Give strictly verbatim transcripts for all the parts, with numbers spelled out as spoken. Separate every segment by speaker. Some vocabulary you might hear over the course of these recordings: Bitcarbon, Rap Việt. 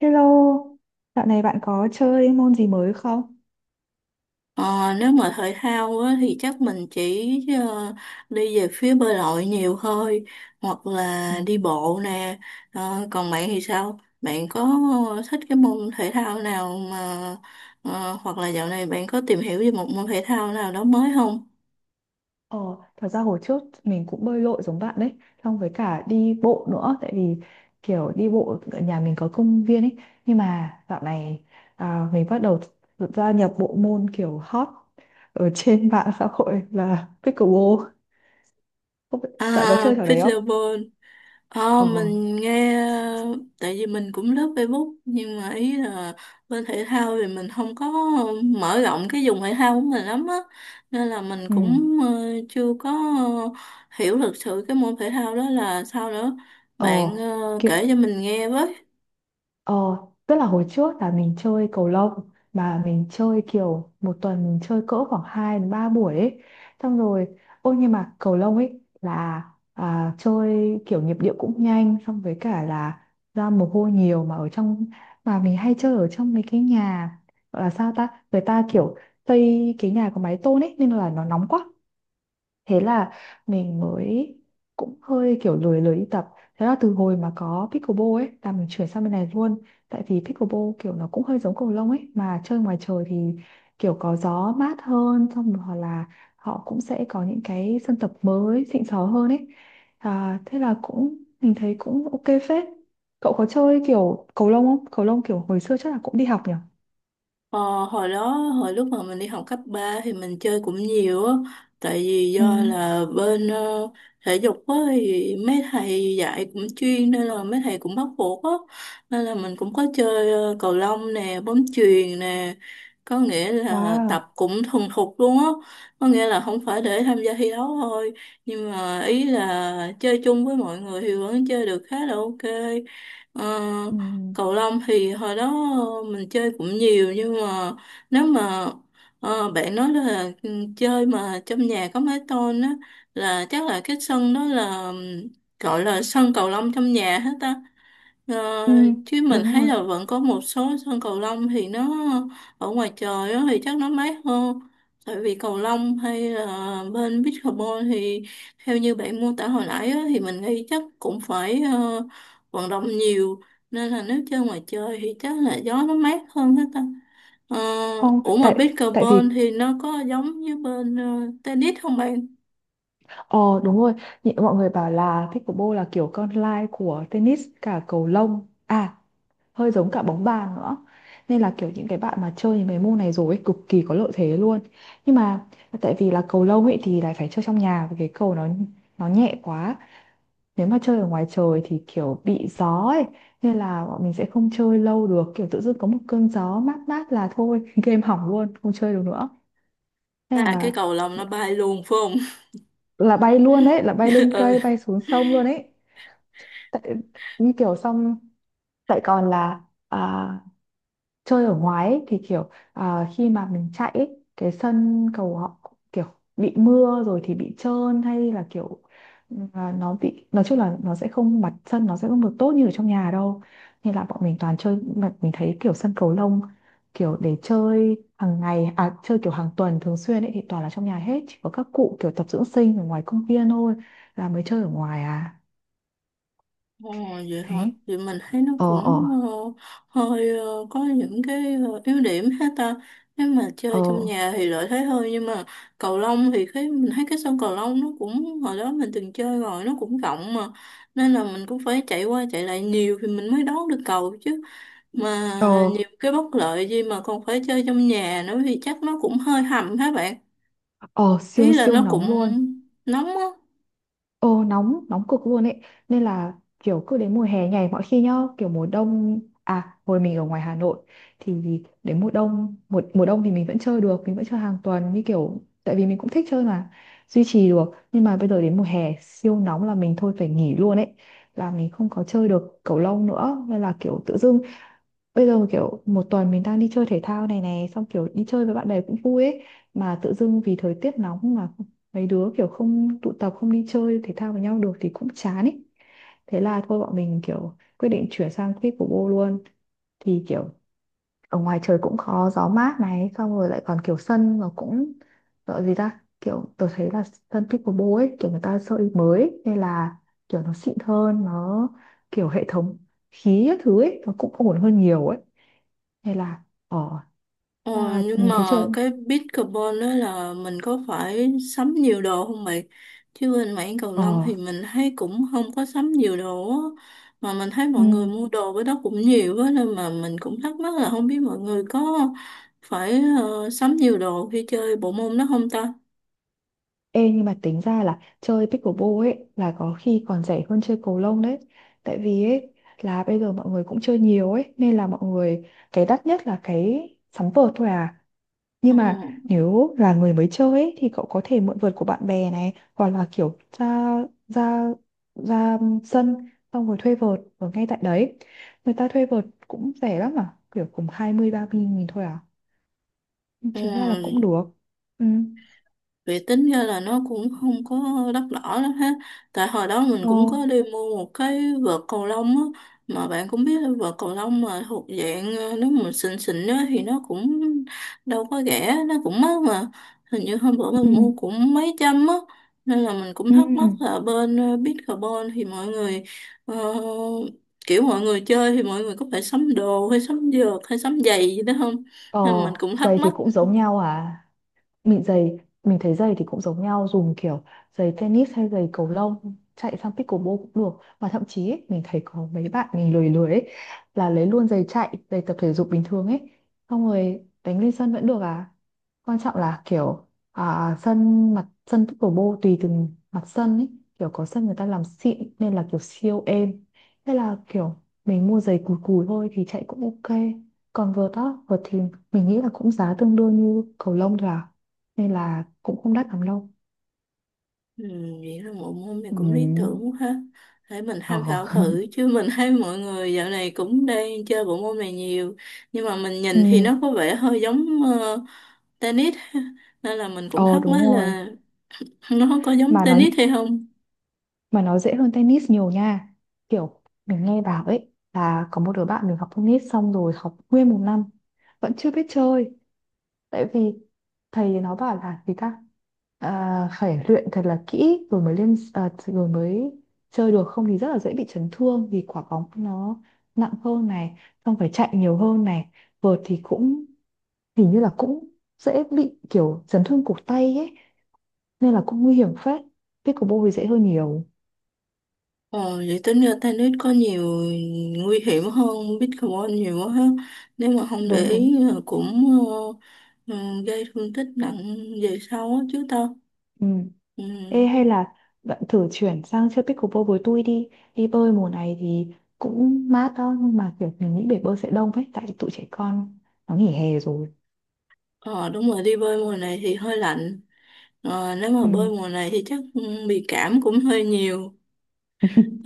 Speaker 1: Hello, dạo này bạn có chơi môn gì mới không?
Speaker 2: Ờ, nếu mà thể thao á, thì chắc mình chỉ ờ, đi về phía bơi lội nhiều thôi, hoặc
Speaker 1: Ừ.
Speaker 2: là đi bộ nè. Ờ, còn bạn thì sao, bạn có thích cái môn thể thao nào mà ờ, hoặc là dạo này bạn có tìm hiểu về một môn thể thao nào đó mới không?
Speaker 1: Ờ, thật ra hồi trước mình cũng bơi lội giống bạn đấy, xong với cả đi bộ nữa, tại vì kiểu đi bộ ở nhà mình có công viên ấy, nhưng mà dạo này à, mình bắt đầu gia nhập bộ môn kiểu hot ở trên mạng xã hội là pickleball. Không biết-
Speaker 2: À,
Speaker 1: Bạn có chơi trò đấy không?
Speaker 2: pickleball. Ờ,
Speaker 1: Ờ,
Speaker 2: mình nghe, tại vì mình cũng lướt Facebook, nhưng mà ý là bên thể thao thì mình không có mở rộng cái vùng thể thao của mình lắm á, nên là mình
Speaker 1: ừ,
Speaker 2: cũng ờ, chưa có hiểu thực sự cái môn thể thao đó là sao nữa.
Speaker 1: ờ,
Speaker 2: Bạn ờ,
Speaker 1: kiểu
Speaker 2: kể cho mình nghe với.
Speaker 1: Ờ, tức là hồi trước là mình chơi cầu lông mà mình chơi kiểu một tuần mình chơi cỡ khoảng hai đến ba buổi ấy. Xong rồi, ôi nhưng mà cầu lông ấy là à, chơi kiểu nhịp điệu cũng nhanh xong với cả là ra mồ hôi nhiều mà ở trong mà mình hay chơi ở trong mấy cái nhà gọi là sao ta? Người ta kiểu xây cái nhà có mái tôn ấy nên là nó nóng quá, thế là mình mới cũng hơi kiểu lười lười đi tập. Thế là từ hồi mà có pickleball ấy là mình chuyển sang bên này luôn, tại vì pickleball kiểu nó cũng hơi giống cầu lông ấy mà chơi ngoài trời thì kiểu có gió mát hơn, xong rồi hoặc là họ cũng sẽ có những cái sân tập mới xịn sò hơn ấy. à, thế là cũng mình thấy cũng ok phết. Cậu có chơi kiểu cầu lông không? Cầu lông kiểu hồi xưa chắc là cũng đi học nhỉ.
Speaker 2: Ờ, hồi đó, hồi lúc mà mình đi học cấp ba thì mình chơi cũng nhiều á, tại vì
Speaker 1: Ừ.
Speaker 2: do là bên ờ, thể dục á thì mấy thầy dạy cũng chuyên, nên là mấy thầy cũng bắt buộc á, nên là mình cũng có chơi ờ, cầu lông nè, bóng chuyền nè, có nghĩa là
Speaker 1: Wow.
Speaker 2: tập cũng thuần thục luôn á, có nghĩa là không phải để tham gia thi đấu thôi, nhưng mà ý là chơi chung với mọi người thì vẫn chơi được khá là ok. Ờ,
Speaker 1: Ừ.
Speaker 2: cầu lông thì hồi đó ờ, mình chơi cũng nhiều, nhưng mà nếu mà ờ, bạn nói là ừ, chơi mà trong nhà có mái tôn á, là chắc là cái sân đó là gọi là sân cầu lông trong nhà hết á. Ờ,
Speaker 1: Ừ,
Speaker 2: chứ mình
Speaker 1: đúng
Speaker 2: thấy
Speaker 1: rồi.
Speaker 2: là vẫn có một số sân cầu lông thì nó ở ngoài trời á thì chắc nó mát hơn, tại vì cầu lông hay là bên pickleball thì theo như bạn mô tả hồi nãy á, thì mình nghĩ chắc cũng phải ờ, vận động nhiều, nên là nếu chơi ngoài trời thì chắc là gió nó mát hơn hết ta. Ờ,
Speaker 1: Không,
Speaker 2: ủa mà
Speaker 1: tại tại
Speaker 2: pickleball
Speaker 1: vì
Speaker 2: thì nó có giống như bên ờ, tennis không bạn?
Speaker 1: Ờ đúng rồi, nhị mọi người bảo là pickleball là kiểu con lai của tennis cả cầu lông, à hơi giống cả bóng bàn nữa. Nên là kiểu những cái bạn mà chơi những cái môn này rồi ấy, cực kỳ có lợi thế luôn. Nhưng mà tại vì là cầu lông ấy thì lại phải chơi trong nhà vì cái cầu nó nó nhẹ quá. Nếu mà chơi ở ngoài trời thì kiểu bị gió ấy, nên là bọn mình sẽ không chơi lâu được, kiểu tự dưng có một cơn gió mát mát là thôi game hỏng luôn, không chơi được nữa. Thế
Speaker 2: À, cái
Speaker 1: là
Speaker 2: cầu lông nó bay luôn phải không?
Speaker 1: là bay luôn đấy, là bay lên
Speaker 2: Ừ.
Speaker 1: cây, bay xuống sông luôn ấy. Tại như kiểu xong tại còn là à, chơi ở ngoài ấy, thì kiểu à, khi mà mình chạy ấy, cái sân cầu họ kiểu bị mưa rồi thì bị trơn, hay là kiểu à, nó bị nói chung là nó sẽ không mặt sân nó sẽ không được tốt như ở trong nhà đâu, nên là bọn mình toàn chơi mà mình thấy kiểu sân cầu lông kiểu để chơi hàng ngày, à chơi kiểu hàng tuần thường xuyên ấy thì toàn là trong nhà hết, chỉ có các cụ kiểu tập dưỡng sinh ở ngoài công viên thôi là mới chơi ở ngoài à.
Speaker 2: Ồ, vậy hả?
Speaker 1: Đấy.
Speaker 2: Thì mình thấy nó
Speaker 1: ờ
Speaker 2: cũng
Speaker 1: ờ
Speaker 2: ờ, hơi ờ, có những cái ờ, yếu điểm hết ta. Nếu mà
Speaker 1: ờ
Speaker 2: chơi trong nhà thì lợi thế hơn, nhưng mà cầu lông thì cái mình thấy cái sân cầu lông nó cũng, hồi đó mình từng chơi rồi, nó cũng rộng mà, nên là mình cũng phải chạy qua chạy lại nhiều thì mình mới đón được cầu chứ. Mà
Speaker 1: Ờ,
Speaker 2: nhiều cái bất lợi gì mà còn phải chơi trong nhà nữa thì chắc nó cũng hơi hầm hả bạn.
Speaker 1: ờ
Speaker 2: Ý
Speaker 1: siêu
Speaker 2: là
Speaker 1: siêu
Speaker 2: nó cũng
Speaker 1: nóng luôn.
Speaker 2: nóng á.
Speaker 1: Ờ nóng, nóng cực luôn ấy. Nên là kiểu cứ đến mùa hè nhảy mọi khi nhá. Kiểu mùa đông, à hồi mình ở ngoài Hà Nội thì đến mùa đông, Mùa, mùa đông thì mình vẫn chơi được. Mình vẫn chơi hàng tuần, như kiểu tại vì mình cũng thích chơi mà, duy trì được. Nhưng mà bây giờ đến mùa hè siêu nóng là mình thôi phải nghỉ luôn ấy, là mình không có chơi được cầu lông nữa. Nên là kiểu tự dưng bây giờ kiểu một tuần mình đang đi chơi thể thao này này xong kiểu đi chơi với bạn bè cũng vui ấy, mà tự dưng vì thời tiết nóng mà mấy đứa kiểu không tụ tập không đi chơi thể thao với nhau được thì cũng chán ấy, thế là thôi bọn mình kiểu quyết định chuyển sang pickleball luôn. Thì kiểu ở ngoài trời cũng có gió mát này, xong rồi lại còn kiểu sân nó cũng gọi gì ta, kiểu tôi thấy là sân pickleball ấy kiểu người ta xây mới ấy, nên là kiểu nó xịn hơn, nó kiểu hệ thống khí các thứ ấy nó cũng ổn hơn nhiều ấy, hay là ờ
Speaker 2: ờ,
Speaker 1: à,
Speaker 2: nhưng
Speaker 1: mình thấy
Speaker 2: mà
Speaker 1: chơi
Speaker 2: cái pickleball đó là mình có phải sắm nhiều đồ không bạn? Chứ bên mảng cầu
Speaker 1: ờ
Speaker 2: lông thì mình thấy cũng không có sắm nhiều đồ á, mà mình thấy mọi người
Speaker 1: ừm,
Speaker 2: mua đồ với đó cũng nhiều á, nên mà mình cũng thắc mắc là không biết mọi người có phải ờ, sắm nhiều đồ khi chơi bộ môn đó không ta.
Speaker 1: ê nhưng mà tính ra là chơi pickleball ấy là có khi còn rẻ hơn chơi cầu lông đấy, tại vì ấy là bây giờ mọi người cũng chơi nhiều ấy nên là mọi người cái đắt nhất là cái sóng vợt thôi à.
Speaker 2: Ờ,
Speaker 1: Nhưng mà nếu là người mới chơi ấy, thì cậu có thể mượn vợt của bạn bè này, hoặc là kiểu ra ra ra sân xong rồi thuê vợt ở ngay tại đấy, người ta thuê vợt cũng rẻ lắm mà, kiểu cũng hai mươi ba mươi nghìn thôi à, chính ra là cũng
Speaker 2: ừ,
Speaker 1: được. ừ
Speaker 2: vậy tính ra là nó cũng không có đắt đỏ lắm ha. Tại hồi đó mình
Speaker 1: ờ
Speaker 2: cũng có đi mua một cái vợt cầu lông á. Mà bạn cũng biết là vợt cầu lông mà thuộc dạng ờ, nếu mình xịn xịn á thì nó cũng đâu có rẻ, nó cũng mắc mà. Hình như hôm bữa mình
Speaker 1: ừ
Speaker 2: mua cũng mấy trăm á. Nên là mình cũng
Speaker 1: ừ
Speaker 2: thắc mắc là bên ờ, Bitcarbon thì mọi người ờ, kiểu mọi người chơi thì mọi người có phải sắm đồ hay sắm vợt hay sắm giày gì đó không?
Speaker 1: ờ
Speaker 2: Nên mình cũng thắc
Speaker 1: giày thì
Speaker 2: mắc.
Speaker 1: cũng giống nhau à, mình giày mình thấy giày thì cũng giống nhau, dùng kiểu giày tennis hay giày cầu lông chạy sang pickleball cũng được, mà thậm chí ấy, mình thấy có mấy bạn mình lười lười ấy, là lấy luôn giày chạy, giày tập thể dục bình thường ấy xong rồi đánh lên sân vẫn được à. Quan trọng là kiểu à, sân mặt sân pickleball tùy từng mặt sân ấy, kiểu có sân người ta làm xịn nên là kiểu siêu êm, thế là kiểu mình mua giày cùi cùi thôi thì chạy cũng ok. Còn vợt á, vợt thì mình nghĩ là cũng giá tương đương như cầu lông thôi à, nên là cũng không đắt lắm đâu.
Speaker 2: Ừ, vậy là bộ môn này
Speaker 1: Ừ.
Speaker 2: cũng lý tưởng quá ha. Để mình
Speaker 1: Ờ.
Speaker 2: tham khảo thử, chứ mình thấy mọi người dạo này cũng đang chơi bộ môn này nhiều. Nhưng mà mình
Speaker 1: ừ
Speaker 2: nhìn thì nó có vẻ hơi giống ờ, tennis nên là mình cũng
Speaker 1: ờ
Speaker 2: thắc
Speaker 1: đúng
Speaker 2: mắc
Speaker 1: rồi.
Speaker 2: là nó có giống
Speaker 1: mà nó
Speaker 2: tennis hay không.
Speaker 1: mà nó dễ hơn tennis nhiều nha, kiểu mình nghe bảo ấy là có một đứa bạn mình học tennis xong rồi học nguyên một năm vẫn chưa biết chơi, tại vì thầy nó bảo là gì ta, à, phải luyện thật là kỹ rồi mới lên, à, rồi mới chơi được, không thì rất là dễ bị chấn thương vì quả bóng nó nặng hơn này, xong phải chạy nhiều hơn này, vợt thì cũng hình như là cũng dễ bị kiểu chấn thương cổ tay ấy, nên là cũng nguy hiểm phết. Pickleball thì dễ hơn nhiều.
Speaker 2: Ồ, vậy tính ra tennis có nhiều nguy hiểm hơn pickleball nhiều quá ha. Nếu mà không để
Speaker 1: Đúng
Speaker 2: ý
Speaker 1: đúng.
Speaker 2: là cũng ờ, ừ, gây thương tích nặng về sau á chứ tao.
Speaker 1: Ừ.
Speaker 2: Ừ.
Speaker 1: Ê, hay là bạn thử chuyển sang chơi pickleball với tôi đi. Đi bơi mùa này thì cũng mát đó nhưng mà kiểu mình nghĩ bể bơi sẽ đông ấy tại tụi trẻ con nó nghỉ hè rồi.
Speaker 2: Ờ, đúng rồi, đi bơi mùa này thì hơi lạnh. Ờ, nếu mà
Speaker 1: Ừ.
Speaker 2: bơi mùa này thì chắc ừ, bị cảm cũng hơi nhiều.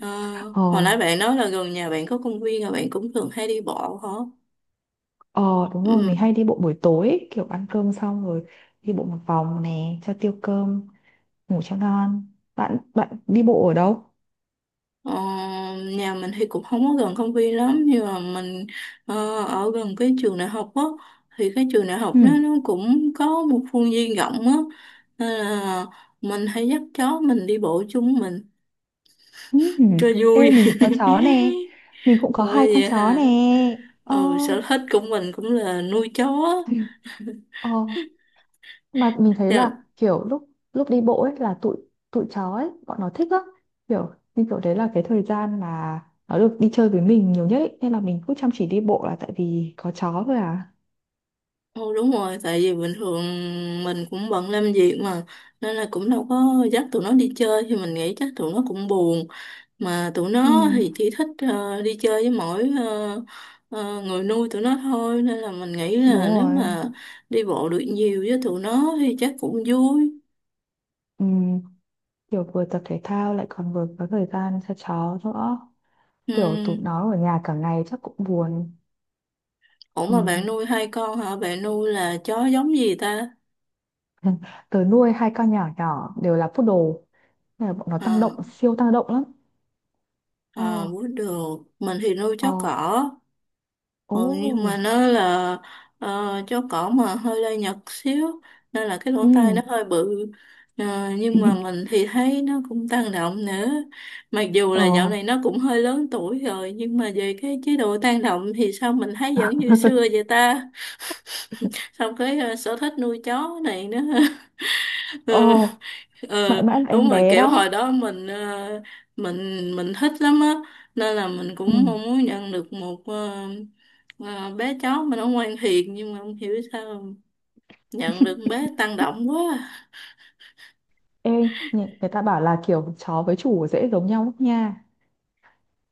Speaker 2: Ờ,
Speaker 1: ờ
Speaker 2: hồi nãy bạn nói là gần nhà bạn có công viên và bạn cũng thường hay đi bộ hả?
Speaker 1: ờ đúng rồi mình
Speaker 2: Ừ.
Speaker 1: hay đi bộ buổi tối ấy, kiểu ăn cơm xong rồi đi bộ một vòng nè cho tiêu cơm, ngủ cho ngon. Bạn Bạn đi bộ ở đâu?
Speaker 2: Ờ, nhà mình thì cũng không có gần công viên lắm, nhưng mà mình ờ, ở gần cái trường đại học á, thì cái trường đại học
Speaker 1: Ừ.
Speaker 2: nó nó cũng có một khuôn viên rộng á, nên là mình hay dắt chó mình đi bộ chung mình
Speaker 1: Ừ,
Speaker 2: cho
Speaker 1: ê,
Speaker 2: vui
Speaker 1: mình cũng có chó nè, mình cũng có
Speaker 2: Ủa
Speaker 1: hai con
Speaker 2: vậy
Speaker 1: chó nè.
Speaker 2: hả?
Speaker 1: ờ
Speaker 2: Ừ, sở thích của mình cũng là nuôi chó.
Speaker 1: ờ mà mình thấy
Speaker 2: Dạ.
Speaker 1: là kiểu lúc lúc đi bộ ấy là tụi tụi chó ấy bọn nó thích lắm, kiểu như kiểu đấy là cái thời gian mà nó được đi chơi với mình nhiều nhất ấy, nên là mình cứ chăm chỉ đi bộ là tại vì có chó thôi à.
Speaker 2: Ừ, đúng rồi, tại vì bình thường mình cũng bận làm việc mà, nên là cũng đâu có dắt tụi nó đi chơi thì mình nghĩ chắc tụi nó cũng buồn. Mà tụi
Speaker 1: ừ
Speaker 2: nó thì chỉ thích ờ, đi chơi với mỗi ờ, ờ, người nuôi tụi nó thôi, nên là mình nghĩ
Speaker 1: Đúng
Speaker 2: là nếu
Speaker 1: rồi.
Speaker 2: mà đi bộ được nhiều với tụi nó thì chắc cũng vui.
Speaker 1: ừ Kiểu vừa tập thể thao lại còn vừa có thời gian cho chó nữa,
Speaker 2: Ừ.
Speaker 1: kiểu tụi nó ở nhà cả ngày chắc cũng buồn.
Speaker 2: Ủa
Speaker 1: Ừ.
Speaker 2: mà bạn nuôi hai con hả, bạn nuôi là chó giống gì ta?
Speaker 1: Ừ. Tớ nuôi hai con nhỏ nhỏ đều là poodle nên là bọn nó tăng
Speaker 2: à,
Speaker 1: động, siêu tăng động lắm. Ờ,
Speaker 2: à, bú được mình thì nuôi
Speaker 1: ờ,
Speaker 2: chó cỏ.
Speaker 1: ồ,
Speaker 2: Ừ, nhưng mà nó là uh, chó cỏ mà hơi lai Nhật xíu, nên là cái lỗ tai nó
Speaker 1: ừ,
Speaker 2: hơi bự. Ờ, nhưng mà mình thì thấy nó cũng tăng động nữa, mặc dù
Speaker 1: ờ,
Speaker 2: là dạo này nó cũng hơi lớn tuổi rồi, nhưng mà về cái chế độ tăng động thì sao mình thấy vẫn như xưa vậy ta. Xong cái ờ, sở thích nuôi chó này nữa
Speaker 1: ờ,
Speaker 2: ừ,
Speaker 1: mãi mãi là em
Speaker 2: đúng rồi,
Speaker 1: bé
Speaker 2: kiểu
Speaker 1: đó.
Speaker 2: hồi đó mình ờ, mình mình thích lắm á, nên là mình
Speaker 1: Ừ.
Speaker 2: cũng mong muốn nhận được một ờ, ờ, bé chó mà nó ngoan hiền, nhưng mà không hiểu sao nhận được bé tăng động quá à.
Speaker 1: Ê, người, người ta bảo là kiểu chó với chủ dễ giống nhau lắm nha.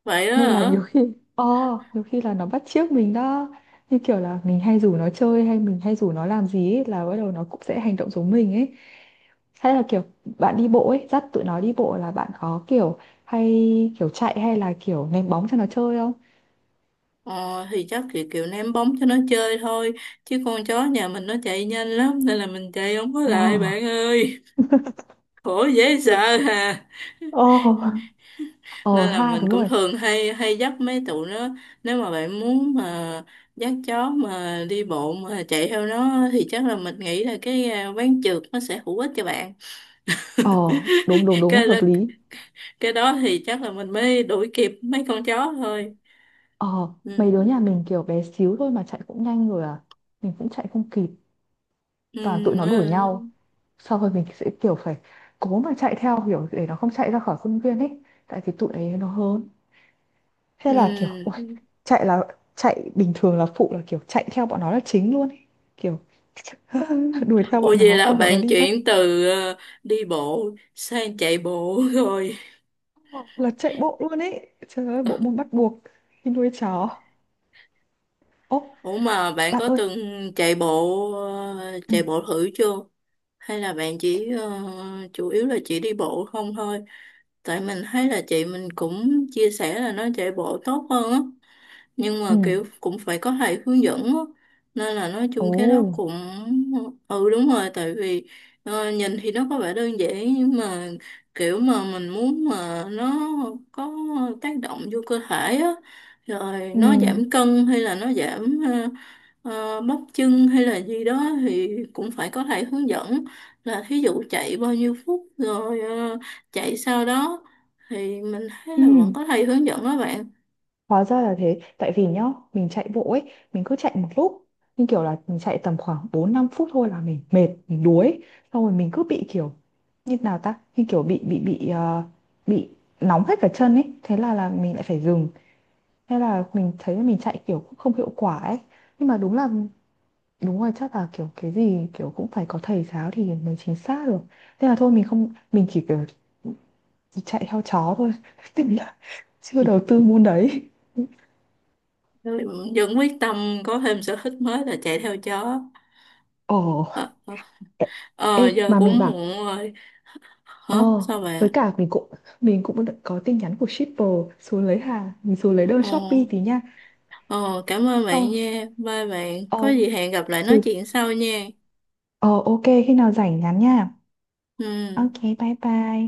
Speaker 2: Vậy đó
Speaker 1: Nên là
Speaker 2: hả?
Speaker 1: nhiều khi, ờ, nhiều khi là nó bắt chước mình đó. Như kiểu là mình hay rủ nó chơi hay mình hay rủ nó làm gì ấy, là bắt đầu nó cũng sẽ hành động giống mình ấy. Hay là kiểu bạn đi bộ ấy, dắt tụi nó đi bộ là bạn có kiểu hay kiểu chạy hay là kiểu ném bóng cho nó chơi không?
Speaker 2: ờ, thì chắc kiểu kiểu ném bóng cho nó chơi thôi, chứ con chó nhà mình nó chạy nhanh lắm, nên là mình chạy không có lại
Speaker 1: Wow.
Speaker 2: bạn ơi. Khổ dễ sợ hà.
Speaker 1: Ờ, ờ
Speaker 2: Nên là
Speaker 1: ha
Speaker 2: mình
Speaker 1: đúng
Speaker 2: cũng
Speaker 1: rồi.
Speaker 2: thường hay hay dắt mấy tụi nó. Nếu mà bạn muốn mà dắt chó mà đi bộ mà chạy theo nó thì chắc là mình nghĩ là cái à, ván trượt nó sẽ hữu ích cho bạn
Speaker 1: Ờ, đúng đúng đúng
Speaker 2: cái đó,
Speaker 1: hợp lý.
Speaker 2: cái đó thì chắc là mình mới đuổi kịp mấy con chó thôi.
Speaker 1: Ờ, mấy đứa
Speaker 2: Ừ.
Speaker 1: nhà mình kiểu bé xíu thôi mà chạy cũng nhanh rồi à. Mình cũng chạy không kịp, toàn
Speaker 2: Ừ.
Speaker 1: tụi nó đuổi nhau.
Speaker 2: Ờ.
Speaker 1: Sau rồi mình sẽ kiểu phải cố mà chạy theo kiểu để nó không chạy ra khỏi khuôn viên ấy, tại vì tụi ấy nó hớn. Thế là kiểu ôi,
Speaker 2: Ừ.
Speaker 1: chạy là chạy bình thường là phụ là kiểu chạy theo bọn nó là chính luôn ấy. Kiểu đuổi theo
Speaker 2: Ủa
Speaker 1: bọn
Speaker 2: vậy
Speaker 1: nó
Speaker 2: là
Speaker 1: không bọn nó
Speaker 2: bạn
Speaker 1: đi bắt
Speaker 2: chuyển từ ờ, đi bộ sang chạy bộ rồi.
Speaker 1: là chạy bộ luôn ấy. Trời ơi bộ môn bắt buộc khi nuôi chó. Ô
Speaker 2: Ủa mà bạn
Speaker 1: bạn
Speaker 2: có
Speaker 1: ơi.
Speaker 2: từng chạy bộ, ờ,
Speaker 1: Ừ.
Speaker 2: chạy bộ thử chưa? Hay là bạn chỉ ờ, chủ yếu là chỉ đi bộ không thôi? Tại mình thấy là chị mình cũng chia sẻ là nó chạy bộ tốt hơn á, nhưng mà
Speaker 1: Ừ.
Speaker 2: kiểu cũng phải có thầy hướng dẫn á, nên là nói
Speaker 1: Ồ.
Speaker 2: chung cái đó cũng ừ đúng rồi, tại vì ờ, nhìn thì nó có vẻ đơn giản, nhưng mà kiểu mà mình muốn mà nó có tác động vô cơ thể á, rồi
Speaker 1: Ừ.
Speaker 2: nó giảm cân hay là nó giảm ờ, ờ, bắp chân hay là gì đó thì cũng phải có thầy hướng dẫn, là thí dụ chạy bao nhiêu phút, rồi ờ, chạy sau đó thì mình thấy
Speaker 1: Ừ.
Speaker 2: là vẫn có thầy hướng dẫn đó bạn.
Speaker 1: Hóa ra là thế, tại vì nhá, mình chạy bộ ấy, mình cứ chạy một lúc, nhưng kiểu là mình chạy tầm khoảng bốn năm phút thôi là mình mệt, mình đuối, xong rồi mình cứ bị kiểu như nào ta, như kiểu bị bị bị ờ, bị nóng hết cả chân ấy, thế là là mình lại phải dừng. Thế là mình thấy là mình chạy kiểu cũng không hiệu quả ấy. Nhưng mà đúng là đúng rồi chắc là kiểu cái gì kiểu cũng phải có thầy giáo thì mới chính xác được. Thế là thôi mình không mình chỉ kiểu chạy theo chó thôi, tức là chưa đầu tư môn đấy.
Speaker 2: Tôi vẫn quyết tâm có thêm sở thích mới là chạy theo chó.
Speaker 1: Ồ.
Speaker 2: Ờ, ờ,
Speaker 1: Ê, ê,
Speaker 2: ờ, giờ
Speaker 1: mà mình
Speaker 2: cũng
Speaker 1: bảo.
Speaker 2: muộn rồi. Hả?
Speaker 1: Ờ
Speaker 2: Sao
Speaker 1: với
Speaker 2: bạn?
Speaker 1: cả mình cũng, mình cũng đã có tin nhắn của shipper, xuống lấy hàng, mình xuống lấy đơn
Speaker 2: Ờ,
Speaker 1: Shopee tí nha.
Speaker 2: ờ, cảm ơn
Speaker 1: Ờ
Speaker 2: bạn nha. Bye bạn. Có
Speaker 1: Ờ
Speaker 2: gì hẹn gặp lại nói
Speaker 1: chứ-
Speaker 2: chuyện sau nha.
Speaker 1: ờ, ok khi nào rảnh nhắn nha. Ok,
Speaker 2: Ừ.
Speaker 1: bye bye.